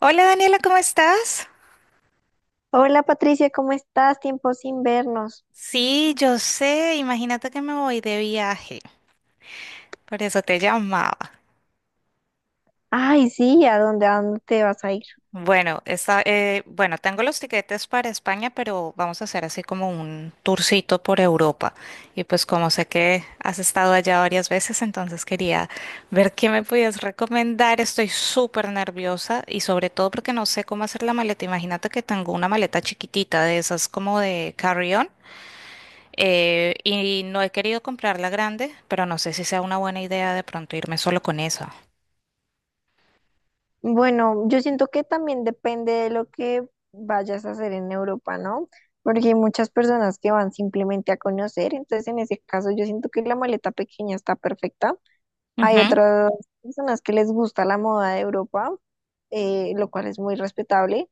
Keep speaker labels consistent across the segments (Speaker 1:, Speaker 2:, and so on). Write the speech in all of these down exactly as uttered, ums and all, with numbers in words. Speaker 1: Hola Daniela, ¿cómo estás?
Speaker 2: Hola Patricia, ¿cómo estás? Tiempo sin vernos.
Speaker 1: Sí, yo sé, imagínate que me voy de viaje, por eso te llamaba.
Speaker 2: Ay, sí, ¿a dónde, a dónde te vas a ir?
Speaker 1: Bueno, está, eh, bueno, tengo los tiquetes para España, pero vamos a hacer así como un tourcito por Europa. Y pues como sé que has estado allá varias veces, entonces quería ver qué me podías recomendar. Estoy súper nerviosa y sobre todo porque no sé cómo hacer la maleta. Imagínate que tengo una maleta chiquitita de esas como de carry-on. Eh, y no he querido comprar la grande, pero no sé si sea una buena idea de pronto irme solo con esa.
Speaker 2: Bueno, yo siento que también depende de lo que vayas a hacer en Europa, ¿no? Porque hay muchas personas que van simplemente a conocer, entonces en ese caso yo siento que la maleta pequeña está perfecta. Hay
Speaker 1: Ujú.
Speaker 2: otras personas que les gusta la moda de Europa, eh, lo cual es muy respetable.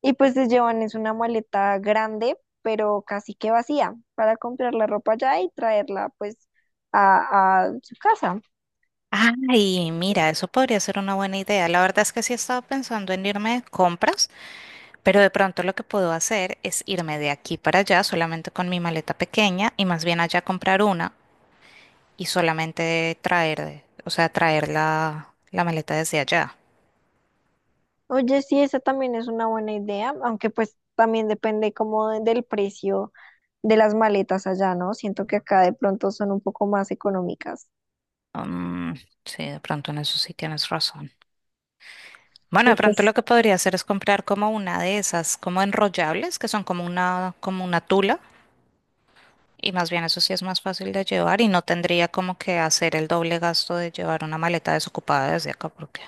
Speaker 2: Y pues les llevan es una maleta grande, pero casi que vacía, para comprar la ropa allá y traerla pues a, a su casa.
Speaker 1: Ay, mira, eso podría ser una buena idea. La verdad es que sí he estado pensando en irme de compras, pero de pronto lo que puedo hacer es irme de aquí para allá solamente con mi maleta pequeña y más bien allá comprar una y solamente traer, o sea, traer la, la maleta desde allá.
Speaker 2: Oye, sí, esa también es una buena idea, aunque pues también depende como de- del precio de las maletas allá, ¿no? Siento que acá de pronto son un poco más económicas.
Speaker 1: Mm, sí, de pronto en eso sí tienes razón. Bueno,
Speaker 2: Y
Speaker 1: de pronto
Speaker 2: pues
Speaker 1: lo que podría hacer es comprar como una de esas, como enrollables, que son como una, como una tula, y más bien eso sí es más fácil de llevar y no tendría como que hacer el doble gasto de llevar una maleta desocupada desde acá, porque.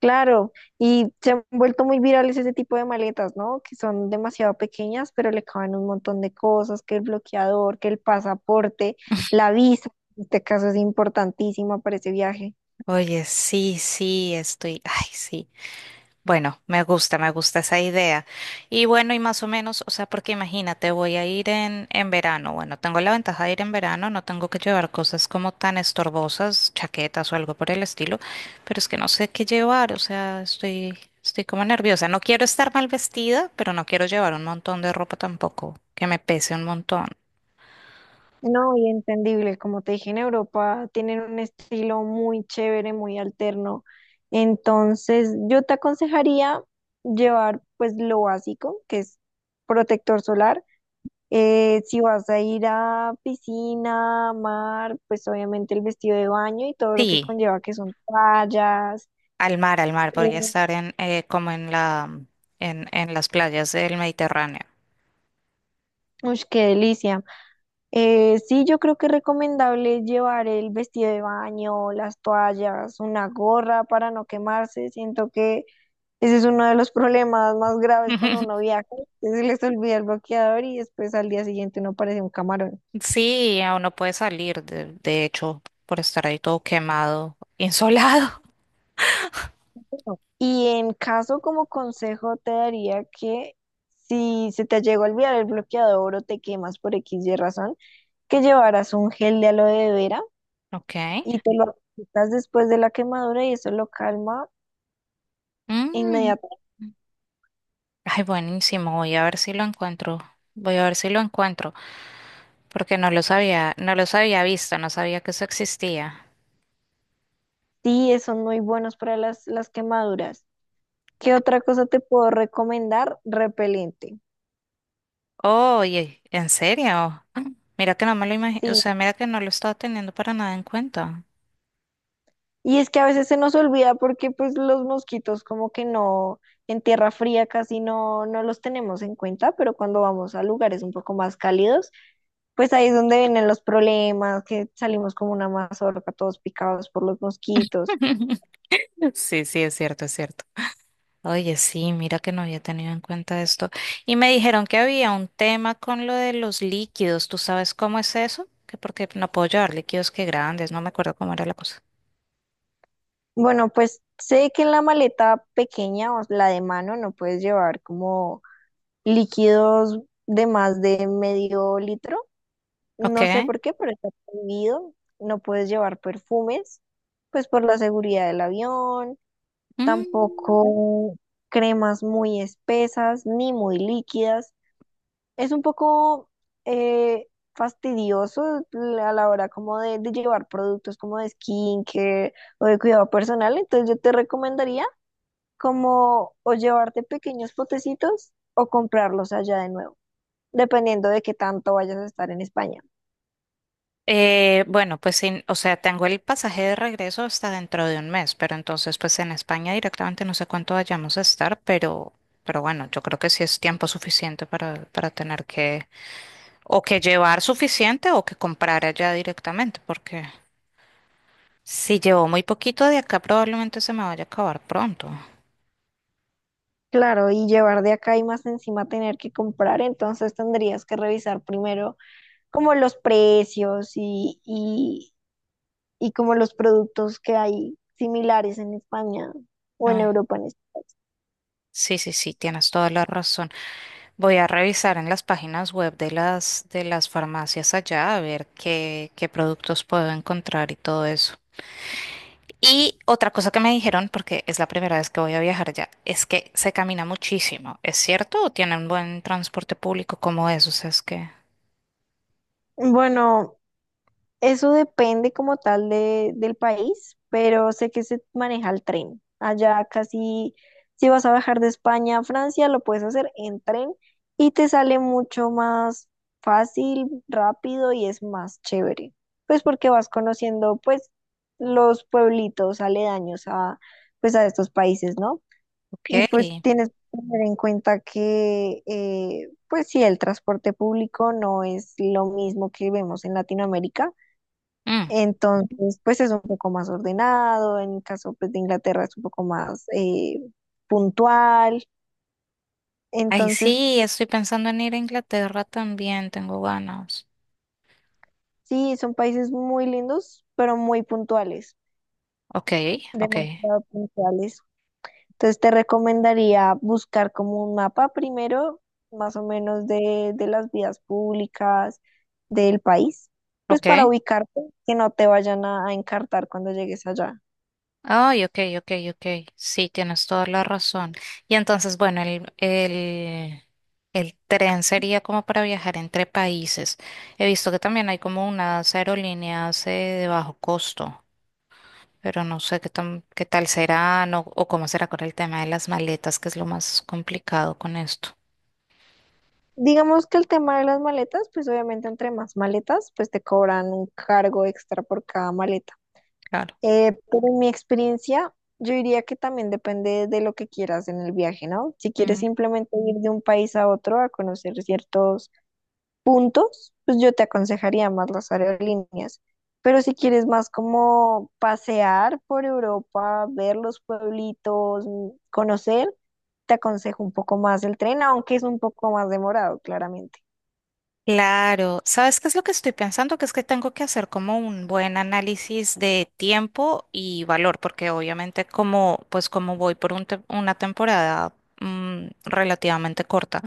Speaker 2: claro, y se han vuelto muy virales ese tipo de maletas, ¿no? Que son demasiado pequeñas, pero le caben un montón de cosas, que el bloqueador, que el pasaporte, la visa, en este caso es importantísima para ese viaje.
Speaker 1: Oye, sí, sí, estoy, ay, sí. Bueno, me gusta, me gusta esa idea. Y bueno, y más o menos, o sea, porque imagínate, voy a ir en, en verano. Bueno, tengo la ventaja de ir en verano, no tengo que llevar cosas como tan estorbosas, chaquetas o algo por el estilo, pero es que no sé qué llevar, o sea, estoy, estoy como nerviosa. No quiero estar mal vestida, pero no quiero llevar un montón de ropa tampoco, que me pese un montón.
Speaker 2: No, y entendible, como te dije, en Europa tienen un estilo muy chévere, muy alterno. Entonces, yo te aconsejaría llevar pues lo básico, que es protector solar. Eh, si vas a ir a piscina, mar, pues obviamente el vestido de baño y todo lo que
Speaker 1: Sí,
Speaker 2: conlleva, que son toallas.
Speaker 1: al mar, al mar, podría
Speaker 2: eh,
Speaker 1: estar en, eh, como en la, en, en las playas del Mediterráneo.
Speaker 2: Ush, qué delicia. Eh, sí, yo creo que es recomendable llevar el vestido de baño, las toallas, una gorra para no quemarse. Siento que ese es uno de los problemas más graves cuando uno viaja, que se les olvida el bloqueador y después al día siguiente uno parece un camarón.
Speaker 1: Sí, aún no puede salir, de, de hecho, por estar ahí todo quemado, insolado.
Speaker 2: Y en caso como consejo te daría que si se te llegó a olvidar el bloqueador o te quemas por X y razón, que llevaras un gel de aloe vera
Speaker 1: Ok.
Speaker 2: y te lo aplicas después de la quemadura y eso lo calma
Speaker 1: Mm.
Speaker 2: inmediatamente.
Speaker 1: Ay, buenísimo. Voy a ver si lo encuentro. Voy a ver si lo encuentro, porque no los había, no los había visto, no sabía que eso existía.
Speaker 2: Sí, eso no muy buenos para las, las quemaduras. ¿Qué otra cosa te puedo recomendar? Repelente.
Speaker 1: Oye, ¿en serio? Ah, Mira que no me lo imagino, o
Speaker 2: Sí,
Speaker 1: sea, mira que no lo estaba teniendo para nada en cuenta.
Speaker 2: y es que a veces se nos olvida porque pues los mosquitos como que no, en tierra fría casi no, no los tenemos en cuenta, pero cuando vamos a lugares un poco más cálidos, pues ahí es donde vienen los problemas, que salimos como una mazorca todos picados por los mosquitos.
Speaker 1: Sí, sí, es cierto, es cierto. Oye, sí, mira que no había tenido en cuenta esto. Y me dijeron que había un tema con lo de los líquidos. ¿Tú sabes cómo es eso? Que porque no puedo llevar líquidos que grandes, no me acuerdo cómo era la cosa.
Speaker 2: Bueno, pues sé que en la maleta pequeña o la de mano no puedes llevar como líquidos de más de medio litro.
Speaker 1: Ok.
Speaker 2: No sé por qué, pero está prohibido. No puedes llevar perfumes, pues por la seguridad del avión.
Speaker 1: Mm,
Speaker 2: Tampoco cremas muy espesas ni muy líquidas. Es un poco eh, fastidioso a la hora como de, de llevar productos como de skincare o de cuidado personal. Entonces yo te recomendaría como o llevarte pequeños potecitos o comprarlos allá de nuevo, dependiendo de qué tanto vayas a estar en España.
Speaker 1: eh, bueno, pues sí, o sea, tengo el pasaje de regreso hasta dentro de un mes, pero entonces pues en España directamente no sé cuánto vayamos a estar, pero, pero bueno, yo creo que sí es tiempo suficiente para, para tener que o que llevar suficiente o que comprar allá directamente, porque si llevo muy poquito de acá, probablemente se me vaya a acabar pronto.
Speaker 2: Claro, y llevar de acá y más encima tener que comprar, entonces tendrías que revisar primero como los precios y, y, y como los productos que hay similares en España o en
Speaker 1: Ay,
Speaker 2: Europa. en es-
Speaker 1: sí, sí, sí, tienes toda la razón. Voy a revisar en las páginas web de las, de las farmacias allá a ver qué, qué, productos puedo encontrar y todo eso. Y otra cosa que me dijeron, porque es la primera vez que voy a viajar allá, es que se camina muchísimo. ¿Es cierto? ¿O tienen buen transporte público como eso? O sea, es que.
Speaker 2: Bueno, eso depende como tal de, del país, pero sé que se maneja el tren. Allá casi, si vas a viajar de España a Francia, lo puedes hacer en tren y te sale mucho más fácil, rápido y es más chévere. Pues porque vas conociendo pues los pueblitos aledaños a pues a estos países, ¿no?
Speaker 1: Ok.
Speaker 2: Y pues tienes que tener en cuenta que eh, pues sí, el transporte público no es lo mismo que vemos en Latinoamérica,
Speaker 1: Mm.
Speaker 2: entonces, pues es un poco más ordenado, en el caso pues, de Inglaterra es un poco más eh, puntual.
Speaker 1: Ay,
Speaker 2: Entonces,
Speaker 1: sí, estoy pensando en ir a Inglaterra también, tengo ganas.
Speaker 2: sí, son países muy lindos, pero muy puntuales,
Speaker 1: Ok, ok.
Speaker 2: demasiado puntuales. Entonces, te recomendaría buscar como un mapa primero, más o menos de, de las vías públicas del país, pues para
Speaker 1: Ok.
Speaker 2: ubicarte, que no te vayan a, a encartar cuando llegues allá.
Speaker 1: Ay, ok, ok, ok. Sí, tienes toda la razón. Y entonces, bueno, el, el, el tren sería como para viajar entre países. He visto que también hay como unas aerolíneas eh, de bajo costo, pero no sé qué tan, qué tal serán o, o cómo será con el tema de las maletas, que es lo más complicado con esto.
Speaker 2: Digamos que el tema de las maletas, pues obviamente entre más maletas, pues te cobran un cargo extra por cada maleta.
Speaker 1: Claro.
Speaker 2: Eh, pero en mi experiencia, yo diría que también depende de lo que quieras en el viaje, ¿no? Si quieres simplemente ir de un país a otro a conocer ciertos puntos, pues yo te aconsejaría más las aerolíneas. Pero si quieres más como pasear por Europa, ver los pueblitos, mm, conocer, te aconsejo un poco más el tren, aunque es un poco más demorado, claramente.
Speaker 1: Claro, ¿sabes qué es lo que estoy pensando? Que es que tengo que hacer como un buen análisis de tiempo y valor, porque obviamente como, pues como voy por un te- una temporada mm, relativamente corta,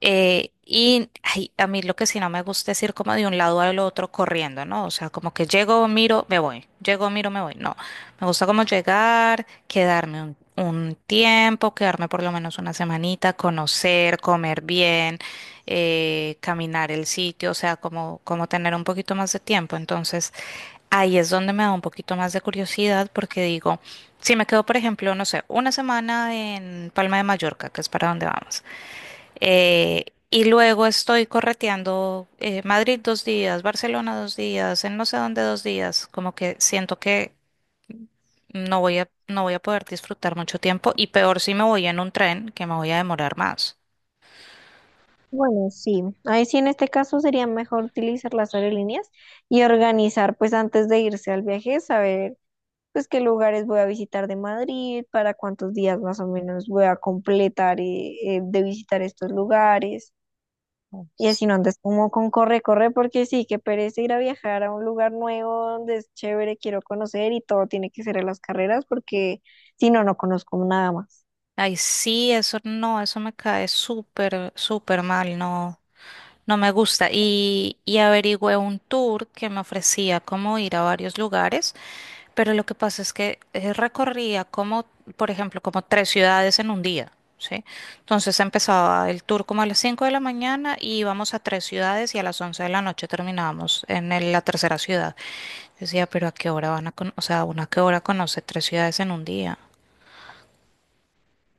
Speaker 1: eh, y ay, a mí lo que sí no me gusta es ir como de un lado al otro corriendo, ¿no? O sea, como que llego, miro, me voy, llego, miro, me voy. No, me gusta como llegar, quedarme un, un tiempo, quedarme por lo menos una semanita, conocer, comer bien, eh, caminar el sitio, o sea, como, como tener un poquito más de tiempo. Entonces, ahí es donde me da un poquito más de curiosidad porque digo, si me quedo, por ejemplo, no sé, una semana en Palma de Mallorca, que es para donde vamos. Eh, y luego estoy correteando eh, Madrid dos días, Barcelona dos días, en no sé dónde dos días. Como que siento que no voy a, no voy a poder disfrutar mucho tiempo y peor si me voy en un tren, que me voy a demorar más.
Speaker 2: Bueno, sí, ahí sí en este caso sería mejor utilizar las aerolíneas y organizar pues antes de irse al viaje, saber pues qué lugares voy a visitar de Madrid, para cuántos días más o menos voy a completar eh, eh, de visitar estos lugares y
Speaker 1: Pues.
Speaker 2: así no andes como con corre, corre, porque sí, que pereza ir a viajar a un lugar nuevo donde es chévere, quiero conocer y todo tiene que ser a las carreras porque si no, no conozco nada más.
Speaker 1: Ay, sí, eso no, eso me cae súper, súper mal, no, no me gusta. Y, y averigüé un tour que me ofrecía como ir a varios lugares. Pero lo que pasa es que eh, recorría como, por ejemplo, como tres ciudades en un día, ¿sí? Entonces empezaba el tour como a las cinco de la mañana y íbamos a tres ciudades y a las once de la noche terminábamos en el- la tercera ciudad. Decía, pero ¿a qué hora van a conocer? O sea, ¿una a qué hora conoce tres ciudades en un día?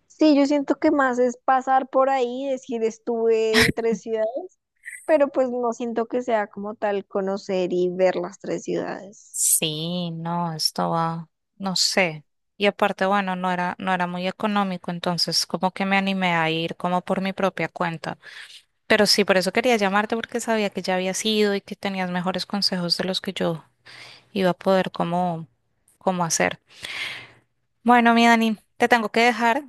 Speaker 2: Sí, yo siento que más es pasar por ahí, decir estuve entre ciudades, pero pues no siento que sea como tal conocer y ver las tres ciudades.
Speaker 1: Sí, no, esto va, no sé. Y aparte, bueno, no era, no era muy económico, entonces como que me animé a ir como por mi propia cuenta. Pero sí, por eso quería llamarte porque sabía que ya habías ido y que tenías mejores consejos de los que yo iba a poder cómo, cómo, hacer. Bueno, mi Dani, te tengo que dejar.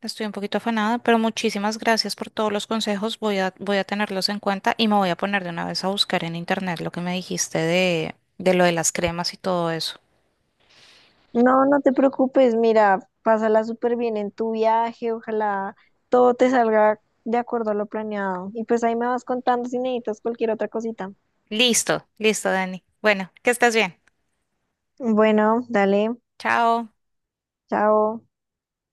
Speaker 1: Estoy un poquito afanada, pero muchísimas gracias por todos los consejos. Voy a, voy a tenerlos en cuenta y me voy a poner de una vez a buscar en internet lo que me dijiste de, de lo de las cremas y todo eso.
Speaker 2: No, no te preocupes, mira, pásala súper bien en tu viaje, ojalá todo te salga de acuerdo a lo planeado. Y pues ahí me vas contando si necesitas cualquier otra cosita.
Speaker 1: Listo, listo, Dani. Bueno, que estés bien.
Speaker 2: Bueno, dale,
Speaker 1: Chao.
Speaker 2: chao.